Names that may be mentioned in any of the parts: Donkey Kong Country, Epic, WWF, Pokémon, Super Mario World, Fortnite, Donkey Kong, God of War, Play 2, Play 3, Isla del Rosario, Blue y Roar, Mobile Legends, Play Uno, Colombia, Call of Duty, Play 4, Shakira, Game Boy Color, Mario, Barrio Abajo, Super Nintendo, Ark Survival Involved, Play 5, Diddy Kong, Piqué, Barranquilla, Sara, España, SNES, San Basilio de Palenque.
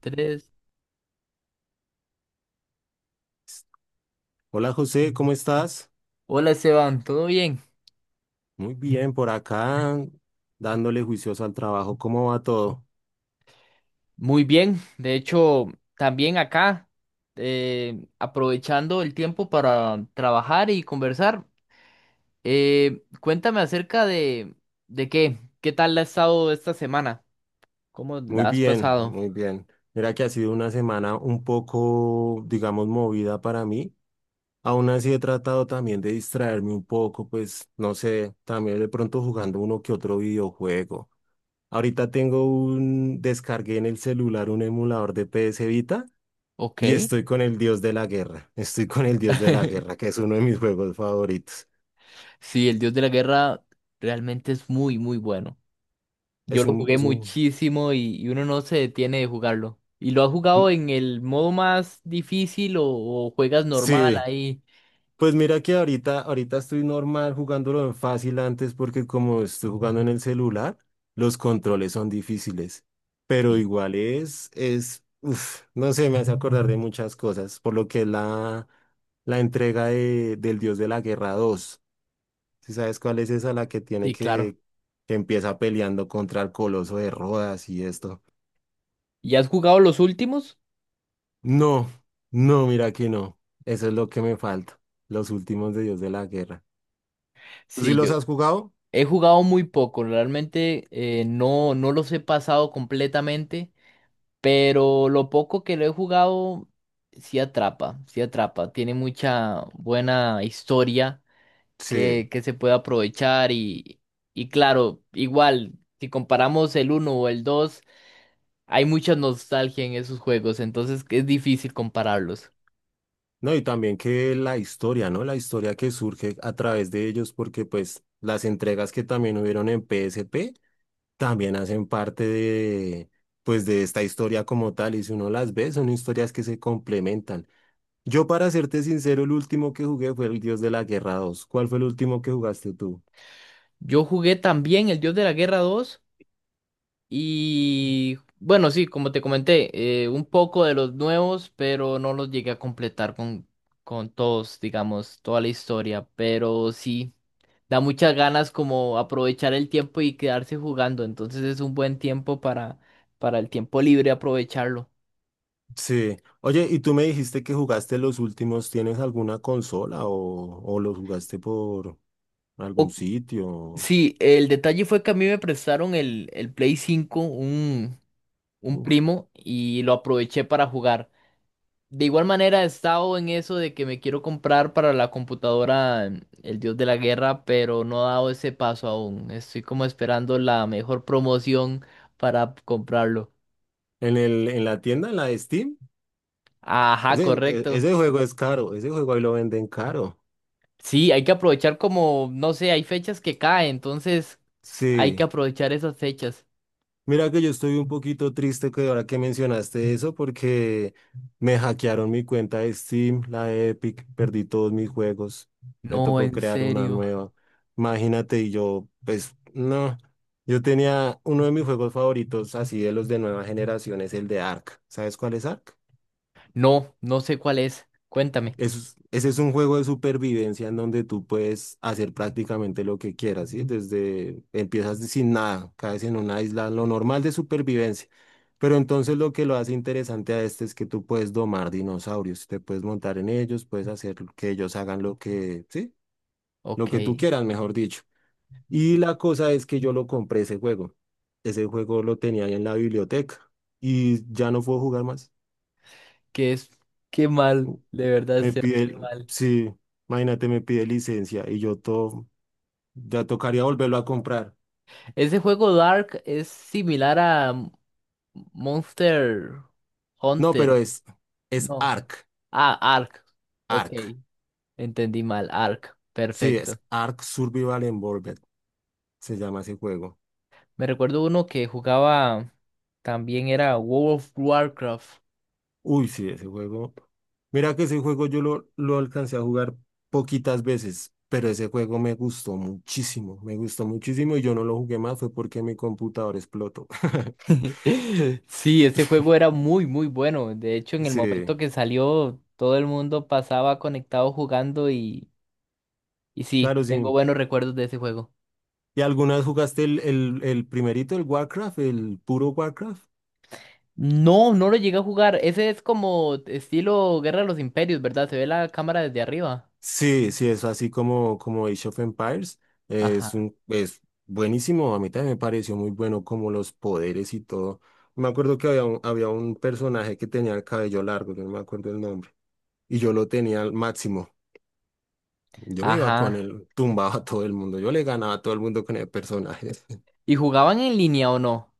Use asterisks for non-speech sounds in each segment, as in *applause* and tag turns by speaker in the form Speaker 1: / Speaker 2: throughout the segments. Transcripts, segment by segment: Speaker 1: Tres.
Speaker 2: Hola José, ¿cómo estás?
Speaker 1: Hola Esteban, ¿todo bien?
Speaker 2: Muy bien, por acá dándole juicioso al trabajo. ¿Cómo va todo?
Speaker 1: Muy bien. De hecho, también acá, aprovechando el tiempo para trabajar y conversar, cuéntame acerca de qué, qué tal ha estado esta semana, cómo
Speaker 2: Muy
Speaker 1: la has
Speaker 2: bien,
Speaker 1: pasado.
Speaker 2: muy bien. Mira que ha sido una semana un poco, digamos, movida para mí. Aún así he tratado también de distraerme un poco, pues no sé, también de pronto jugando uno que otro videojuego. Ahorita tengo descargué en el celular un emulador de PS Vita y
Speaker 1: Ok.
Speaker 2: estoy con el Dios de la Guerra. Estoy con el Dios de la Guerra,
Speaker 1: *laughs*
Speaker 2: que es uno de mis juegos favoritos.
Speaker 1: Sí, el Dios de la Guerra realmente es muy, muy bueno. Yo lo jugué
Speaker 2: Es un
Speaker 1: muchísimo y uno no se detiene de jugarlo. ¿Y lo has jugado en el modo más difícil o juegas normal
Speaker 2: Sí,
Speaker 1: ahí?
Speaker 2: pues mira que ahorita estoy normal jugándolo en fácil antes porque como estoy jugando en el celular, los controles son difíciles. Pero
Speaker 1: Sí,
Speaker 2: igual es, no sé, me hace acordar de muchas cosas, por lo que es la entrega del Dios de la Guerra dos. ¿Si sabes cuál es esa? La que tiene
Speaker 1: sí, claro.
Speaker 2: que empieza peleando contra el Coloso de Rodas y esto.
Speaker 1: ¿Y has jugado los últimos?
Speaker 2: No, no, mira que no. Eso es lo que me falta, los últimos de Dios de la Guerra. ¿Tú sí
Speaker 1: Sí,
Speaker 2: los
Speaker 1: yo
Speaker 2: has jugado?
Speaker 1: he jugado muy poco, realmente no, no los he pasado completamente, pero lo poco que lo he jugado sí atrapa, sí atrapa. Tiene mucha buena historia
Speaker 2: Sí.
Speaker 1: que se puede aprovechar y claro, igual, si comparamos el uno o el 2, hay mucha nostalgia en esos juegos, entonces es difícil compararlos.
Speaker 2: No, y también que la historia, ¿no? La historia que surge a través de ellos, porque pues las entregas que también hubieron en P S P también hacen parte de, pues de esta historia como tal, y si uno las ve, son historias que se complementan. Yo, para serte sincero, el último que jugué fue el Dios de la Guerra 2. ¿Cuál fue el último que jugaste tú?
Speaker 1: Yo jugué también el Dios de la Guerra 2. Y bueno, sí, como te comenté, un poco de los nuevos, pero no los llegué a completar con todos, digamos, toda la historia. Pero sí, da muchas ganas como aprovechar el tiempo y quedarse jugando. Entonces es un buen tiempo para el tiempo libre aprovecharlo.
Speaker 2: Sí. Oye, y tú me dijiste que jugaste los últimos, ¿tienes alguna consola o los jugaste por algún
Speaker 1: O,
Speaker 2: sitio?
Speaker 1: sí, el detalle fue que a mí me prestaron el Play cinco un
Speaker 2: Uf.
Speaker 1: primo, y lo aproveché para jugar. De igual manera he estado en eso de que me quiero comprar para la computadora El Dios de la Guerra, pero no he dado ese paso aún. Estoy como esperando la mejor promoción para comprarlo.
Speaker 2: En en la tienda, en la de Steam,
Speaker 1: Ajá, correcto.
Speaker 2: ese juego es caro, ese juego ahí lo venden caro.
Speaker 1: Sí, hay que aprovechar como, no sé, hay fechas que caen, entonces hay que
Speaker 2: Sí,
Speaker 1: aprovechar esas fechas.
Speaker 2: mira que yo estoy un poquito triste que ahora que mencionaste eso porque me hackearon mi cuenta de Steam, la de Epic, perdí todos mis juegos, me
Speaker 1: No,
Speaker 2: tocó
Speaker 1: en
Speaker 2: crear una
Speaker 1: serio.
Speaker 2: nueva. Imagínate, y yo, pues no, yo tenía uno de mis juegos favoritos, así de los de nueva generación, es el de Ark. ¿Sabes cuál es Ark?
Speaker 1: No, no sé cuál es. Cuéntame.
Speaker 2: Ese es un juego de supervivencia en donde tú puedes hacer prácticamente lo que quieras, ¿sí? Desde empiezas sin nada, caes en una isla, lo normal de supervivencia. Pero entonces lo que lo hace interesante a este es que tú puedes domar dinosaurios, te puedes montar en ellos, puedes hacer que ellos hagan lo que, sí, lo
Speaker 1: Ok,
Speaker 2: que tú quieras, mejor dicho. Y la cosa es que yo lo compré ese juego. Ese juego lo tenía ahí en la biblioteca y ya no puedo jugar más.
Speaker 1: ¿qué es? Qué mal, de verdad,
Speaker 2: Me
Speaker 1: Seba,
Speaker 2: pide,
Speaker 1: qué mal.
Speaker 2: sí. Imagínate, me pide licencia y yo todo. Ya tocaría volverlo a comprar.
Speaker 1: Ese juego Dark es similar a Monster
Speaker 2: No, pero
Speaker 1: Hunter.
Speaker 2: es
Speaker 1: No.
Speaker 2: Ark.
Speaker 1: Ah, Ark. Ok,
Speaker 2: Ark.
Speaker 1: entendí mal. Ark.
Speaker 2: Sí, es
Speaker 1: Perfecto.
Speaker 2: Ark Survival Involved. Se llama ese juego.
Speaker 1: Me recuerdo uno que jugaba también era World of Warcraft.
Speaker 2: Uy, sí, ese juego. Mira que ese juego yo lo alcancé a jugar poquitas veces, pero ese juego me gustó muchísimo. Me gustó muchísimo y yo no lo jugué más, fue porque mi computador explotó. *laughs*
Speaker 1: *laughs* Sí, ese juego era muy, muy bueno. De hecho, en el
Speaker 2: Sí,
Speaker 1: momento que salió, todo el mundo pasaba conectado jugando y sí,
Speaker 2: claro,
Speaker 1: tengo
Speaker 2: sí.
Speaker 1: buenos recuerdos de ese juego.
Speaker 2: ¿Y alguna vez jugaste el primerito, el Warcraft, el puro Warcraft?
Speaker 1: No, no lo llegué a jugar. Ese es como estilo Guerra de los Imperios, ¿verdad? Se ve la cámara desde arriba.
Speaker 2: Sí, sí, es así como, como Age of Empires.
Speaker 1: Ajá.
Speaker 2: Es buenísimo. A mí también me pareció muy bueno como los poderes y todo. Me acuerdo que había un personaje que tenía el cabello largo, yo no me acuerdo el nombre. Y yo lo tenía al máximo. Yo me iba con
Speaker 1: Ajá.
Speaker 2: él, tumbaba a todo el mundo. Yo le ganaba a todo el mundo con el personaje. *laughs*
Speaker 1: ¿Y jugaban en línea o no?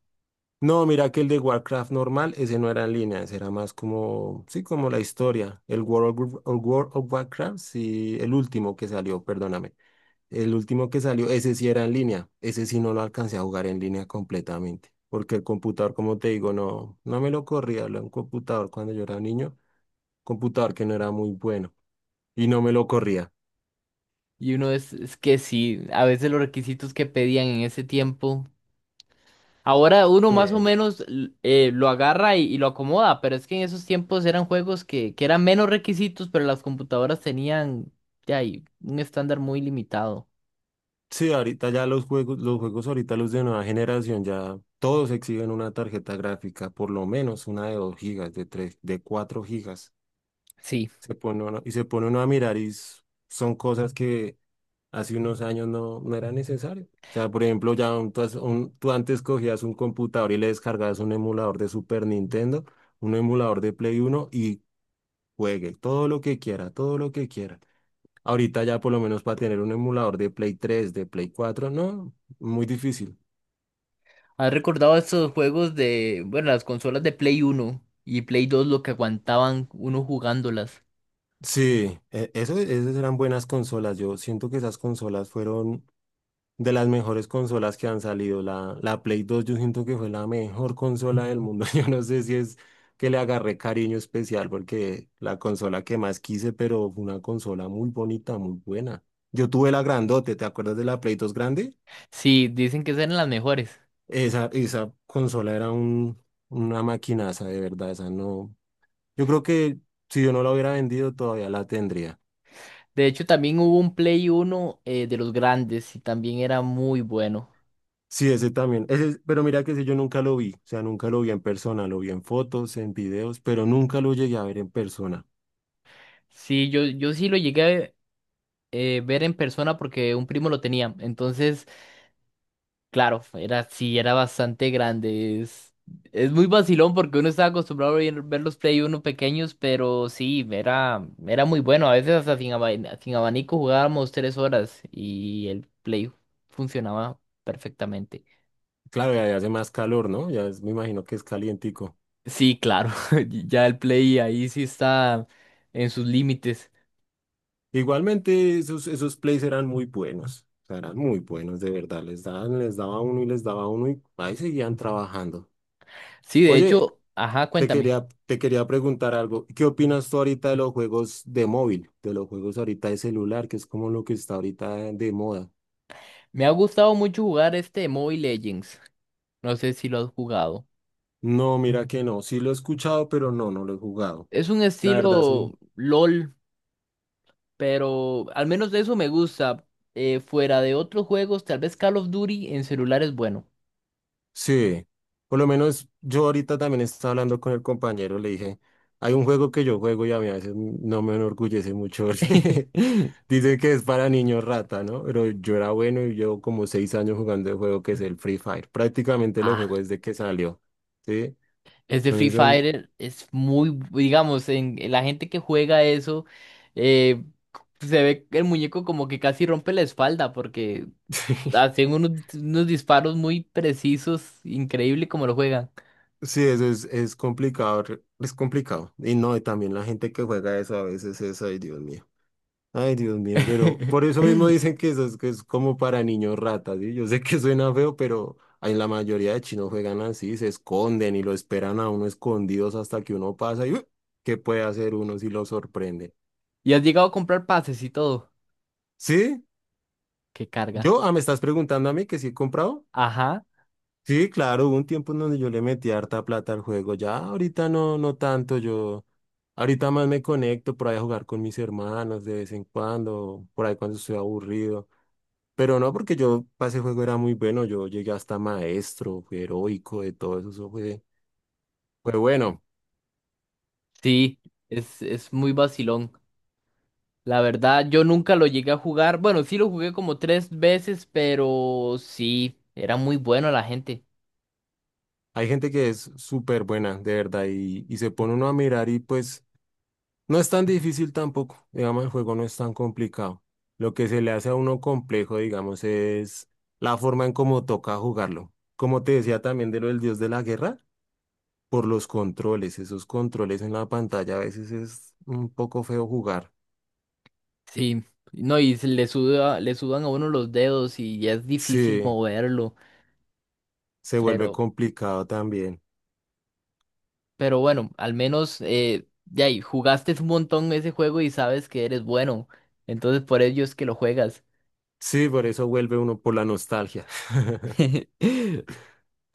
Speaker 2: No, mira que el de Warcraft normal, ese no era en línea, ese era más como, sí, como la historia. El World of Warcraft, sí, el último que salió, perdóname. El último que salió, ese sí era en línea. Ese sí no lo alcancé a jugar en línea completamente. Porque el computador, como te digo, no, no me lo corría. Era un computador cuando yo era niño. Computador que no era muy bueno. Y no me lo corría.
Speaker 1: Y uno es que sí, a veces los requisitos que pedían en ese tiempo. Ahora uno más o
Speaker 2: Eh,
Speaker 1: menos lo agarra y lo acomoda, pero es que en esos tiempos eran juegos que eran menos requisitos, pero las computadoras tenían de ahí, un estándar muy limitado.
Speaker 2: sí, ahorita ya los juegos ahorita los de nueva generación ya todos exigen una tarjeta gráfica, por lo menos una de 2 gigas, de 3, de 4 gigas.
Speaker 1: Sí.
Speaker 2: Se pone uno a mirar y son cosas que hace unos años no, no era necesario. O sea, por ejemplo, tú antes cogías un computador y le descargabas un emulador de Super Nintendo, un emulador de Play Uno y juegue todo lo que quiera, todo lo que quiera. Ahorita ya por lo menos para tener un emulador de Play tres de Play cuatro no, muy difícil.
Speaker 1: ¿Has recordado esos juegos de, bueno, las consolas de Play Uno y Play 2 lo que aguantaban uno jugándolas?
Speaker 2: Sí, eso, esas eran buenas consolas. Yo siento que esas consolas fueron de las mejores consolas que han salido, la Play 2 yo siento que fue la mejor consola del mundo. *laughs* Yo no sé si es que le agarré cariño especial porque la consola que más quise, pero fue una consola muy bonita, muy buena. Yo tuve la grandote, ¿te acuerdas de la Play 2 grande?
Speaker 1: Sí, dicen que esas eran las mejores.
Speaker 2: Esa consola era una maquinaza, de verdad, esa no. Yo creo que si yo no la hubiera vendido todavía la tendría.
Speaker 1: De hecho, también hubo un Play uno de los grandes y también era muy bueno.
Speaker 2: Sí, ese también. Ese, pero mira que ese yo nunca lo vi, o sea, nunca lo vi en persona, lo vi en fotos, en videos, pero nunca lo llegué a ver en persona.
Speaker 1: Sí, yo sí lo llegué a ver en persona porque un primo lo tenía. Entonces, claro, era, sí, era bastante grande. Es muy vacilón porque uno estaba acostumbrado a ver los Play uno pequeños, pero sí, era, era muy bueno. A veces hasta sin, sin abanico jugábamos 3 horas y el Play funcionaba perfectamente.
Speaker 2: Claro, ya, ya hace más calor, ¿no? Me imagino que es calientico.
Speaker 1: Sí, claro, *laughs* ya el Play ahí sí está en sus límites.
Speaker 2: Igualmente, esos plays eran muy buenos, o sea, eran muy buenos, de verdad. Les daban, les daba uno y les daba uno y ahí seguían trabajando.
Speaker 1: Sí, de
Speaker 2: Oye,
Speaker 1: hecho, ajá, cuéntame.
Speaker 2: te quería preguntar algo. ¿Qué opinas tú ahorita de los juegos de móvil, de los juegos ahorita de celular, que es como lo que está ahorita de moda?
Speaker 1: Me ha gustado mucho jugar este Mobile Legends. No sé si lo has jugado.
Speaker 2: No, mira que no. Sí lo he escuchado, pero no, no lo he jugado.
Speaker 1: Es un
Speaker 2: La verdad, soy...
Speaker 1: estilo LOL, pero al menos de eso me gusta. Fuera de otros juegos, tal vez Call of Duty en celular es bueno.
Speaker 2: Sí. Por lo menos yo ahorita también estaba hablando con el compañero, le dije, hay un juego que yo juego y a mí a veces no me enorgullece mucho. *laughs* Porque
Speaker 1: *laughs*
Speaker 2: dicen que es para niños rata, ¿no? Pero yo era bueno y llevo como seis años jugando el juego que es el Free Fire. Prácticamente lo
Speaker 1: Ah,
Speaker 2: juego desde que salió, ¿sí?
Speaker 1: ese Free
Speaker 2: Entonces, son-
Speaker 1: Fire es muy, digamos, en la gente que juega eso, eh, se ve el muñeco como que casi rompe la espalda porque
Speaker 2: *laughs*
Speaker 1: hacen unos, unos disparos muy precisos, increíble como lo juegan.
Speaker 2: sí, eso es complicado, es complicado. Y no, y también la gente que juega eso a veces es, ay, Dios mío. Ay, Dios mío, pero por eso mismo
Speaker 1: *laughs*
Speaker 2: dicen que eso es, que es como para niños ratas, ¿sí? Yo sé que suena feo, pero en la mayoría de chinos juegan así, se esconden y lo esperan a uno escondidos hasta que uno pasa y ¡uh! ¿Qué puede hacer uno si lo sorprende?
Speaker 1: Y has llegado a comprar pases y todo.
Speaker 2: ¿Sí?
Speaker 1: Qué carga.
Speaker 2: ¿Yo? Ah, ¿me estás preguntando a mí que sí he comprado?
Speaker 1: Ajá,
Speaker 2: Sí, claro, hubo un tiempo en donde yo le metí harta plata al juego, ya ahorita no, no tanto, yo ahorita más me conecto por ahí a jugar con mis hermanos de vez en cuando, por ahí cuando estoy aburrido. Pero no, porque yo para ese juego era muy bueno, yo llegué hasta maestro, fui heroico, de todo eso, eso fue, fue bueno.
Speaker 1: sí, es muy vacilón. La verdad, yo nunca lo llegué a jugar. Bueno, sí lo jugué como tres veces, pero sí, era muy bueno la gente.
Speaker 2: Hay gente que es súper buena, de verdad, y se pone uno a mirar y pues no es tan difícil tampoco, digamos, el juego no es tan complicado. Lo que se le hace a uno complejo, digamos, es la forma en cómo toca jugarlo. Como te decía también de lo del dios de la guerra, por los controles, esos controles en la pantalla a veces es un poco feo jugar.
Speaker 1: Sí, no, y se le suda, le sudan a uno los dedos y ya es difícil
Speaker 2: Sí,
Speaker 1: moverlo,
Speaker 2: se vuelve
Speaker 1: pero,
Speaker 2: complicado también.
Speaker 1: pero bueno, al menos ya ahí, jugaste un montón ese juego y sabes que eres bueno, entonces por ello es que lo juegas.
Speaker 2: Sí, por eso vuelve uno por la nostalgia. *laughs*
Speaker 1: *laughs*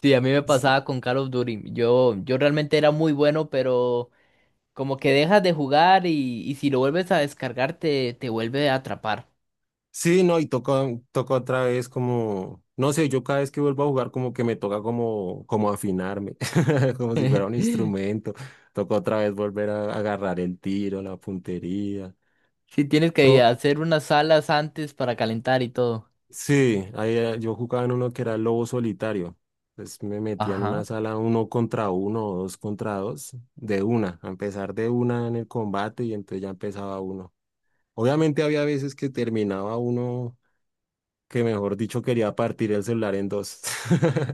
Speaker 1: Sí, a mí me
Speaker 2: Sí,
Speaker 1: pasaba con Call of Duty, yo realmente era muy bueno, pero como que dejas de jugar y si lo vuelves a descargar te, te vuelve a atrapar.
Speaker 2: sí, no, y toca otra vez como, no sé, yo cada vez que vuelvo a jugar como que me toca como, como afinarme, *laughs* como si fuera un
Speaker 1: *laughs*
Speaker 2: instrumento. Toca otra vez volver a agarrar el tiro, la puntería.
Speaker 1: Sí, tienes que
Speaker 2: So,
Speaker 1: hacer unas salas antes para calentar y todo.
Speaker 2: sí, ahí, yo jugaba en uno que era lobo solitario. Entonces me metía en
Speaker 1: Ajá.
Speaker 2: una sala uno contra uno o dos contra dos, de una, a empezar de una en el combate y entonces ya empezaba uno. Obviamente había veces que terminaba uno que, mejor dicho, quería partir el celular en dos.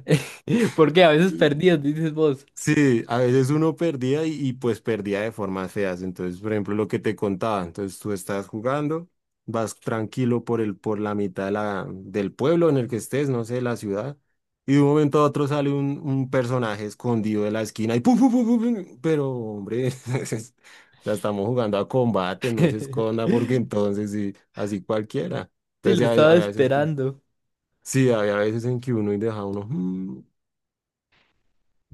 Speaker 1: *laughs* Porque a veces
Speaker 2: *laughs*
Speaker 1: perdidos, dices vos.
Speaker 2: Sí, a veces uno perdía pues perdía de formas feas. Entonces, por ejemplo, lo que te contaba, entonces tú estás jugando, vas tranquilo por por la mitad de del pueblo en el que estés, no sé, la ciudad, y de un momento a otro sale un personaje escondido de la esquina y pum, pum, pum, pum, pum, pero hombre, *laughs* entonces, o sea, estamos jugando a combate, no se esconda porque
Speaker 1: *laughs*
Speaker 2: entonces sí, así cualquiera.
Speaker 1: Sí,
Speaker 2: Entonces,
Speaker 1: lo estaba
Speaker 2: a veces que,
Speaker 1: esperando.
Speaker 2: sí, había veces en que uno y deja uno. "Mm,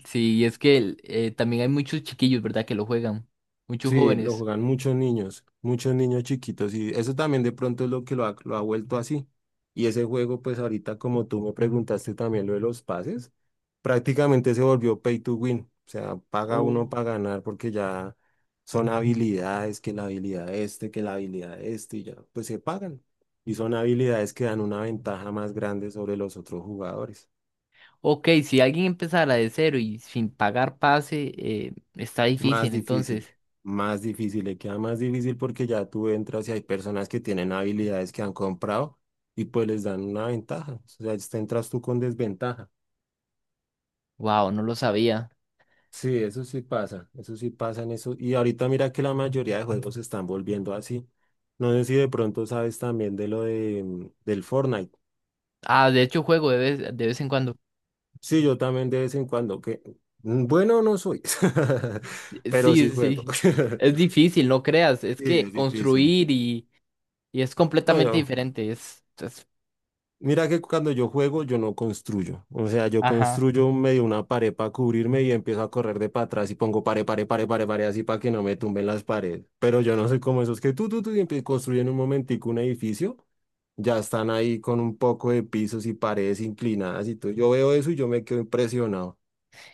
Speaker 1: Sí, y es que también hay muchos chiquillos, ¿verdad? Que lo juegan, muchos
Speaker 2: sí, lo
Speaker 1: jóvenes.
Speaker 2: juegan muchos niños chiquitos y eso también de pronto es lo que lo ha vuelto así. Y ese juego, pues ahorita como tú me preguntaste también lo de los pases, prácticamente se volvió pay to win, o sea, paga uno
Speaker 1: Oh.
Speaker 2: para ganar porque ya son habilidades, que la habilidad este, que la habilidad este, y ya, pues se pagan. Y son habilidades que dan una ventaja más grande sobre los otros jugadores.
Speaker 1: Ok, si alguien empezara de cero y sin pagar pase, está
Speaker 2: Más
Speaker 1: difícil,
Speaker 2: difícil,
Speaker 1: entonces.
Speaker 2: más difícil, le queda más difícil porque ya tú entras y hay personas que tienen habilidades que han comprado y pues les dan una ventaja. O sea, te entras tú con desventaja.
Speaker 1: Wow, no lo sabía.
Speaker 2: Sí, eso sí pasa en eso. Y ahorita mira que la mayoría de juegos se están volviendo así. No sé si de pronto sabes también de lo de, del Fortnite.
Speaker 1: Ah, de hecho juego de vez en cuando.
Speaker 2: Sí, yo también de vez en cuando, que bueno no soy, *laughs* pero
Speaker 1: Sí,
Speaker 2: sí
Speaker 1: sí.
Speaker 2: juego.
Speaker 1: Sí.
Speaker 2: *laughs*
Speaker 1: Es difícil, no creas. Es
Speaker 2: Sí,
Speaker 1: que
Speaker 2: es difícil.
Speaker 1: construir y es
Speaker 2: No,
Speaker 1: completamente
Speaker 2: yo.
Speaker 1: diferente.
Speaker 2: Mira que cuando yo juego, yo no construyo. O sea, yo
Speaker 1: Ajá.
Speaker 2: construyo un medio una pared para cubrirme y empiezo a correr de para atrás y pongo pared, pared, pared, pared, pared, así para que no me tumben las paredes. Pero yo no soy como esos que tú, y construyen un momentico un edificio. Ya están ahí con un poco de pisos y paredes inclinadas y todo. Yo veo eso y yo me quedo impresionado.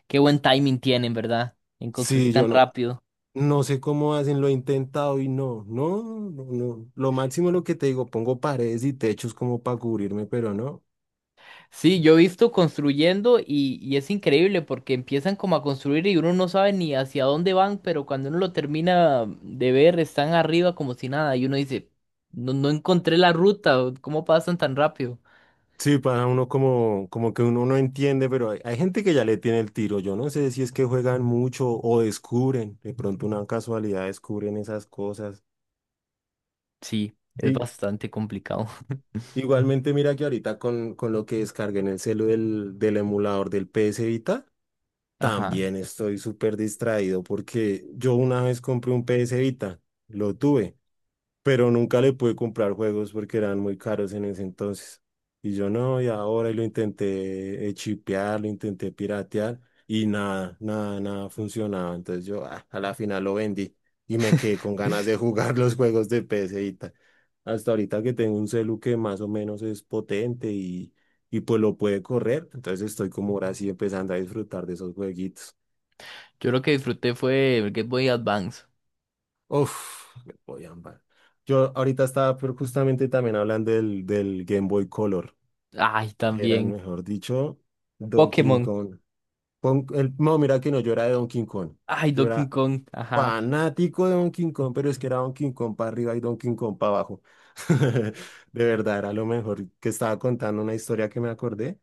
Speaker 1: Qué buen timing tienen, ¿verdad? En construir
Speaker 2: Sí,
Speaker 1: tan
Speaker 2: yo no,
Speaker 1: rápido.
Speaker 2: no sé cómo hacen, lo he intentado y no. Lo máximo es lo que te digo, pongo paredes y techos como para cubrirme, pero no.
Speaker 1: Sí, yo he visto construyendo y es increíble porque empiezan como a construir y uno no sabe ni hacia dónde van, pero cuando uno lo termina de ver, están arriba como si nada y uno dice, no, no encontré la ruta, o ¿cómo pasan tan rápido?
Speaker 2: Sí, para uno como, como que uno no entiende, pero hay gente que ya le tiene el tiro. Yo no sé si es que juegan mucho o descubren, de pronto una casualidad descubren esas cosas.
Speaker 1: Sí, es
Speaker 2: Y
Speaker 1: bastante complicado.
Speaker 2: igualmente mira que ahorita con lo que descargué en el celu del emulador del PS Vita,
Speaker 1: *laughs* Ajá.
Speaker 2: también estoy súper distraído porque yo una vez compré un PS Vita, lo tuve, pero nunca le pude comprar juegos porque eran muy caros en ese entonces. Y yo no, y ahora y lo intenté chipear, lo intenté piratear y nada funcionaba. Entonces yo a la final lo vendí y me quedé con ganas de *laughs* jugar los juegos de PC y tal. Hasta ahorita que tengo un celu que más o menos es potente y pues lo puede correr. Entonces estoy como ahora sí empezando a disfrutar de esos jueguitos.
Speaker 1: Yo lo que disfruté fue el Game Boy Advance.
Speaker 2: Uf, el Boy and Band. Yo ahorita estaba pero justamente también hablando del Game Boy Color,
Speaker 1: Ay,
Speaker 2: que eran,
Speaker 1: también.
Speaker 2: mejor dicho, Donkey
Speaker 1: Pokémon.
Speaker 2: Kong. El, no, mira que no, yo era de Donkey Kong.
Speaker 1: Ay,
Speaker 2: Yo
Speaker 1: Donkey
Speaker 2: era
Speaker 1: Kong. Ajá.
Speaker 2: fanático de Donkey Kong, pero es que era Donkey Kong para arriba y Donkey Kong para abajo. *laughs* De verdad, era lo mejor. Que estaba contando una historia que me acordé.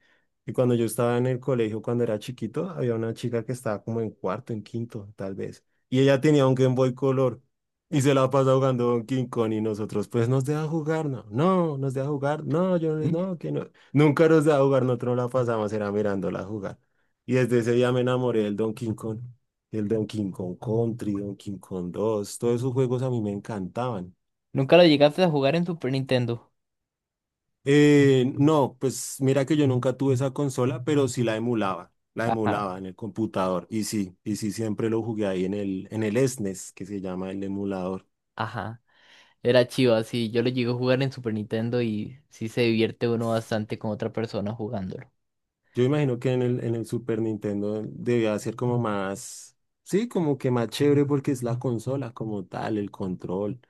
Speaker 2: Y cuando yo estaba en el colegio, cuando era chiquito, había una chica que estaba como en cuarto, en quinto, tal vez. Y ella tenía un Game Boy Color y se la pasa jugando Donkey Kong y nosotros, pues nos deja jugar, nos deja jugar, no, yo
Speaker 1: *laughs*
Speaker 2: que no. Nunca nos deja jugar, nosotros la pasamos, era mirándola jugar. Y desde ese día me enamoré del Donkey Kong, el Donkey Kong Country, Donkey Kong 2, todos esos juegos a mí me encantaban.
Speaker 1: ¿Nunca lo llegaste a jugar en Super Nintendo?
Speaker 2: No, pues mira que yo nunca tuve esa consola, pero sí la
Speaker 1: Ajá,
Speaker 2: emulaba en el computador. Y sí siempre lo jugué ahí en el SNES, que se llama el emulador.
Speaker 1: ajá. Era chido, así yo lo llegué a jugar en Super Nintendo y sí se divierte uno bastante con otra persona jugándolo.
Speaker 2: Yo imagino que en el Super Nintendo debía ser como más, sí, como que más chévere porque es la consola como tal, el control.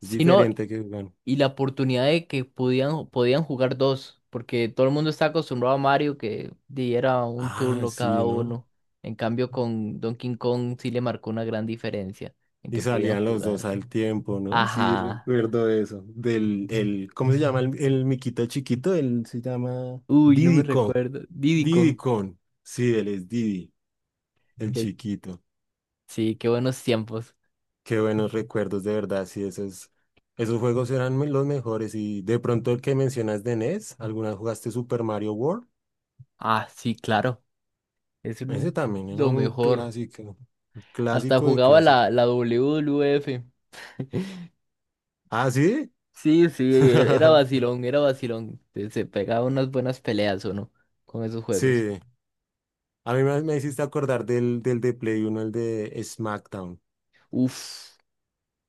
Speaker 2: Es
Speaker 1: Si no,
Speaker 2: diferente que, bueno,
Speaker 1: y la oportunidad de que podían, podían jugar dos, porque todo el mundo está acostumbrado a Mario que diera un
Speaker 2: ah,
Speaker 1: turno
Speaker 2: sí,
Speaker 1: cada
Speaker 2: ¿no?
Speaker 1: uno. En cambio, con Donkey Kong sí le marcó una gran diferencia en
Speaker 2: Y
Speaker 1: que podían
Speaker 2: salían los dos
Speaker 1: jugar.
Speaker 2: al tiempo, ¿no? Sí,
Speaker 1: Ajá.
Speaker 2: recuerdo eso. Del, el, ¿cómo se llama el miquito chiquito? Él se llama
Speaker 1: Uy, no me
Speaker 2: Diddy Kong.
Speaker 1: recuerdo. Diddy Kong.
Speaker 2: Diddy Kong. Sí, él es Diddy, el
Speaker 1: que-
Speaker 2: chiquito.
Speaker 1: sí, qué buenos tiempos.
Speaker 2: Qué buenos recuerdos, de verdad. Sí, esos, esos juegos eran los mejores. Y de pronto el que mencionas de NES, ¿alguna vez jugaste Super Mario World?
Speaker 1: Ah, sí, claro. Es
Speaker 2: Ese
Speaker 1: un-
Speaker 2: también era
Speaker 1: lo
Speaker 2: un
Speaker 1: mejor.
Speaker 2: clásico. Un
Speaker 1: Hasta
Speaker 2: clásico de
Speaker 1: jugaba
Speaker 2: clásico.
Speaker 1: la, la WWF. *laughs*
Speaker 2: ¿Ah, sí?
Speaker 1: Sí, sí, era
Speaker 2: *laughs*
Speaker 1: vacilón, era vacilón. Se pegaba unas buenas peleas, ¿o no? Con esos juegos.
Speaker 2: Sí. A mí me hiciste acordar del de Play uno, el de SmackDown.
Speaker 1: Uf,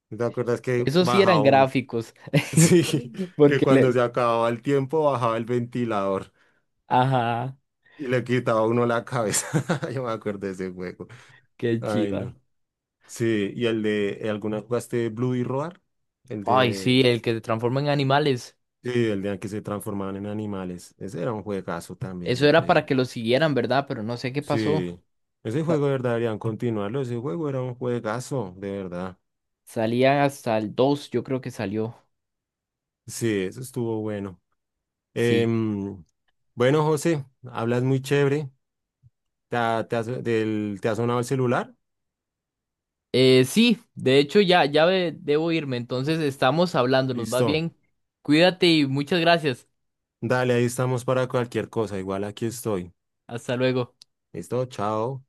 Speaker 2: ¿No? ¿Te acuerdas que
Speaker 1: esos sí eran
Speaker 2: bajaba un...
Speaker 1: gráficos.
Speaker 2: *laughs*
Speaker 1: *laughs*
Speaker 2: Sí, que
Speaker 1: Porque
Speaker 2: cuando
Speaker 1: le...
Speaker 2: se acababa el tiempo bajaba el ventilador
Speaker 1: Ajá,
Speaker 2: y le quitaba a uno la cabeza. *laughs* Yo me acuerdo de ese juego.
Speaker 1: qué
Speaker 2: Ay,
Speaker 1: chiva.
Speaker 2: no. Sí, y el de... ¿alguna jugaste Blue y Roar? El
Speaker 1: Ay, sí,
Speaker 2: de...
Speaker 1: el que se transforma en animales.
Speaker 2: Sí, el de que se transformaban en animales. Ese era un juegazo también
Speaker 1: Eso
Speaker 2: de
Speaker 1: era
Speaker 2: Play
Speaker 1: para que
Speaker 2: 1.
Speaker 1: lo siguieran, ¿verdad? Pero no sé qué pasó.
Speaker 2: Sí. Ese juego de verdad deberían continuarlo. Ese juego era un juegazo, de verdad.
Speaker 1: Salía hasta el 2 yo creo que salió.
Speaker 2: Sí, eso estuvo bueno.
Speaker 1: Sí.
Speaker 2: Em, bueno, José, hablas muy chévere. ¿Te ha, te has- del- te ha sonado el celular?
Speaker 1: Sí, de hecho ya, ya debo irme, entonces estamos hablando, nos va
Speaker 2: Listo.
Speaker 1: bien. Cuídate y muchas gracias.
Speaker 2: Dale, ahí estamos para cualquier cosa. Igual aquí estoy.
Speaker 1: Hasta luego.
Speaker 2: Listo, chao.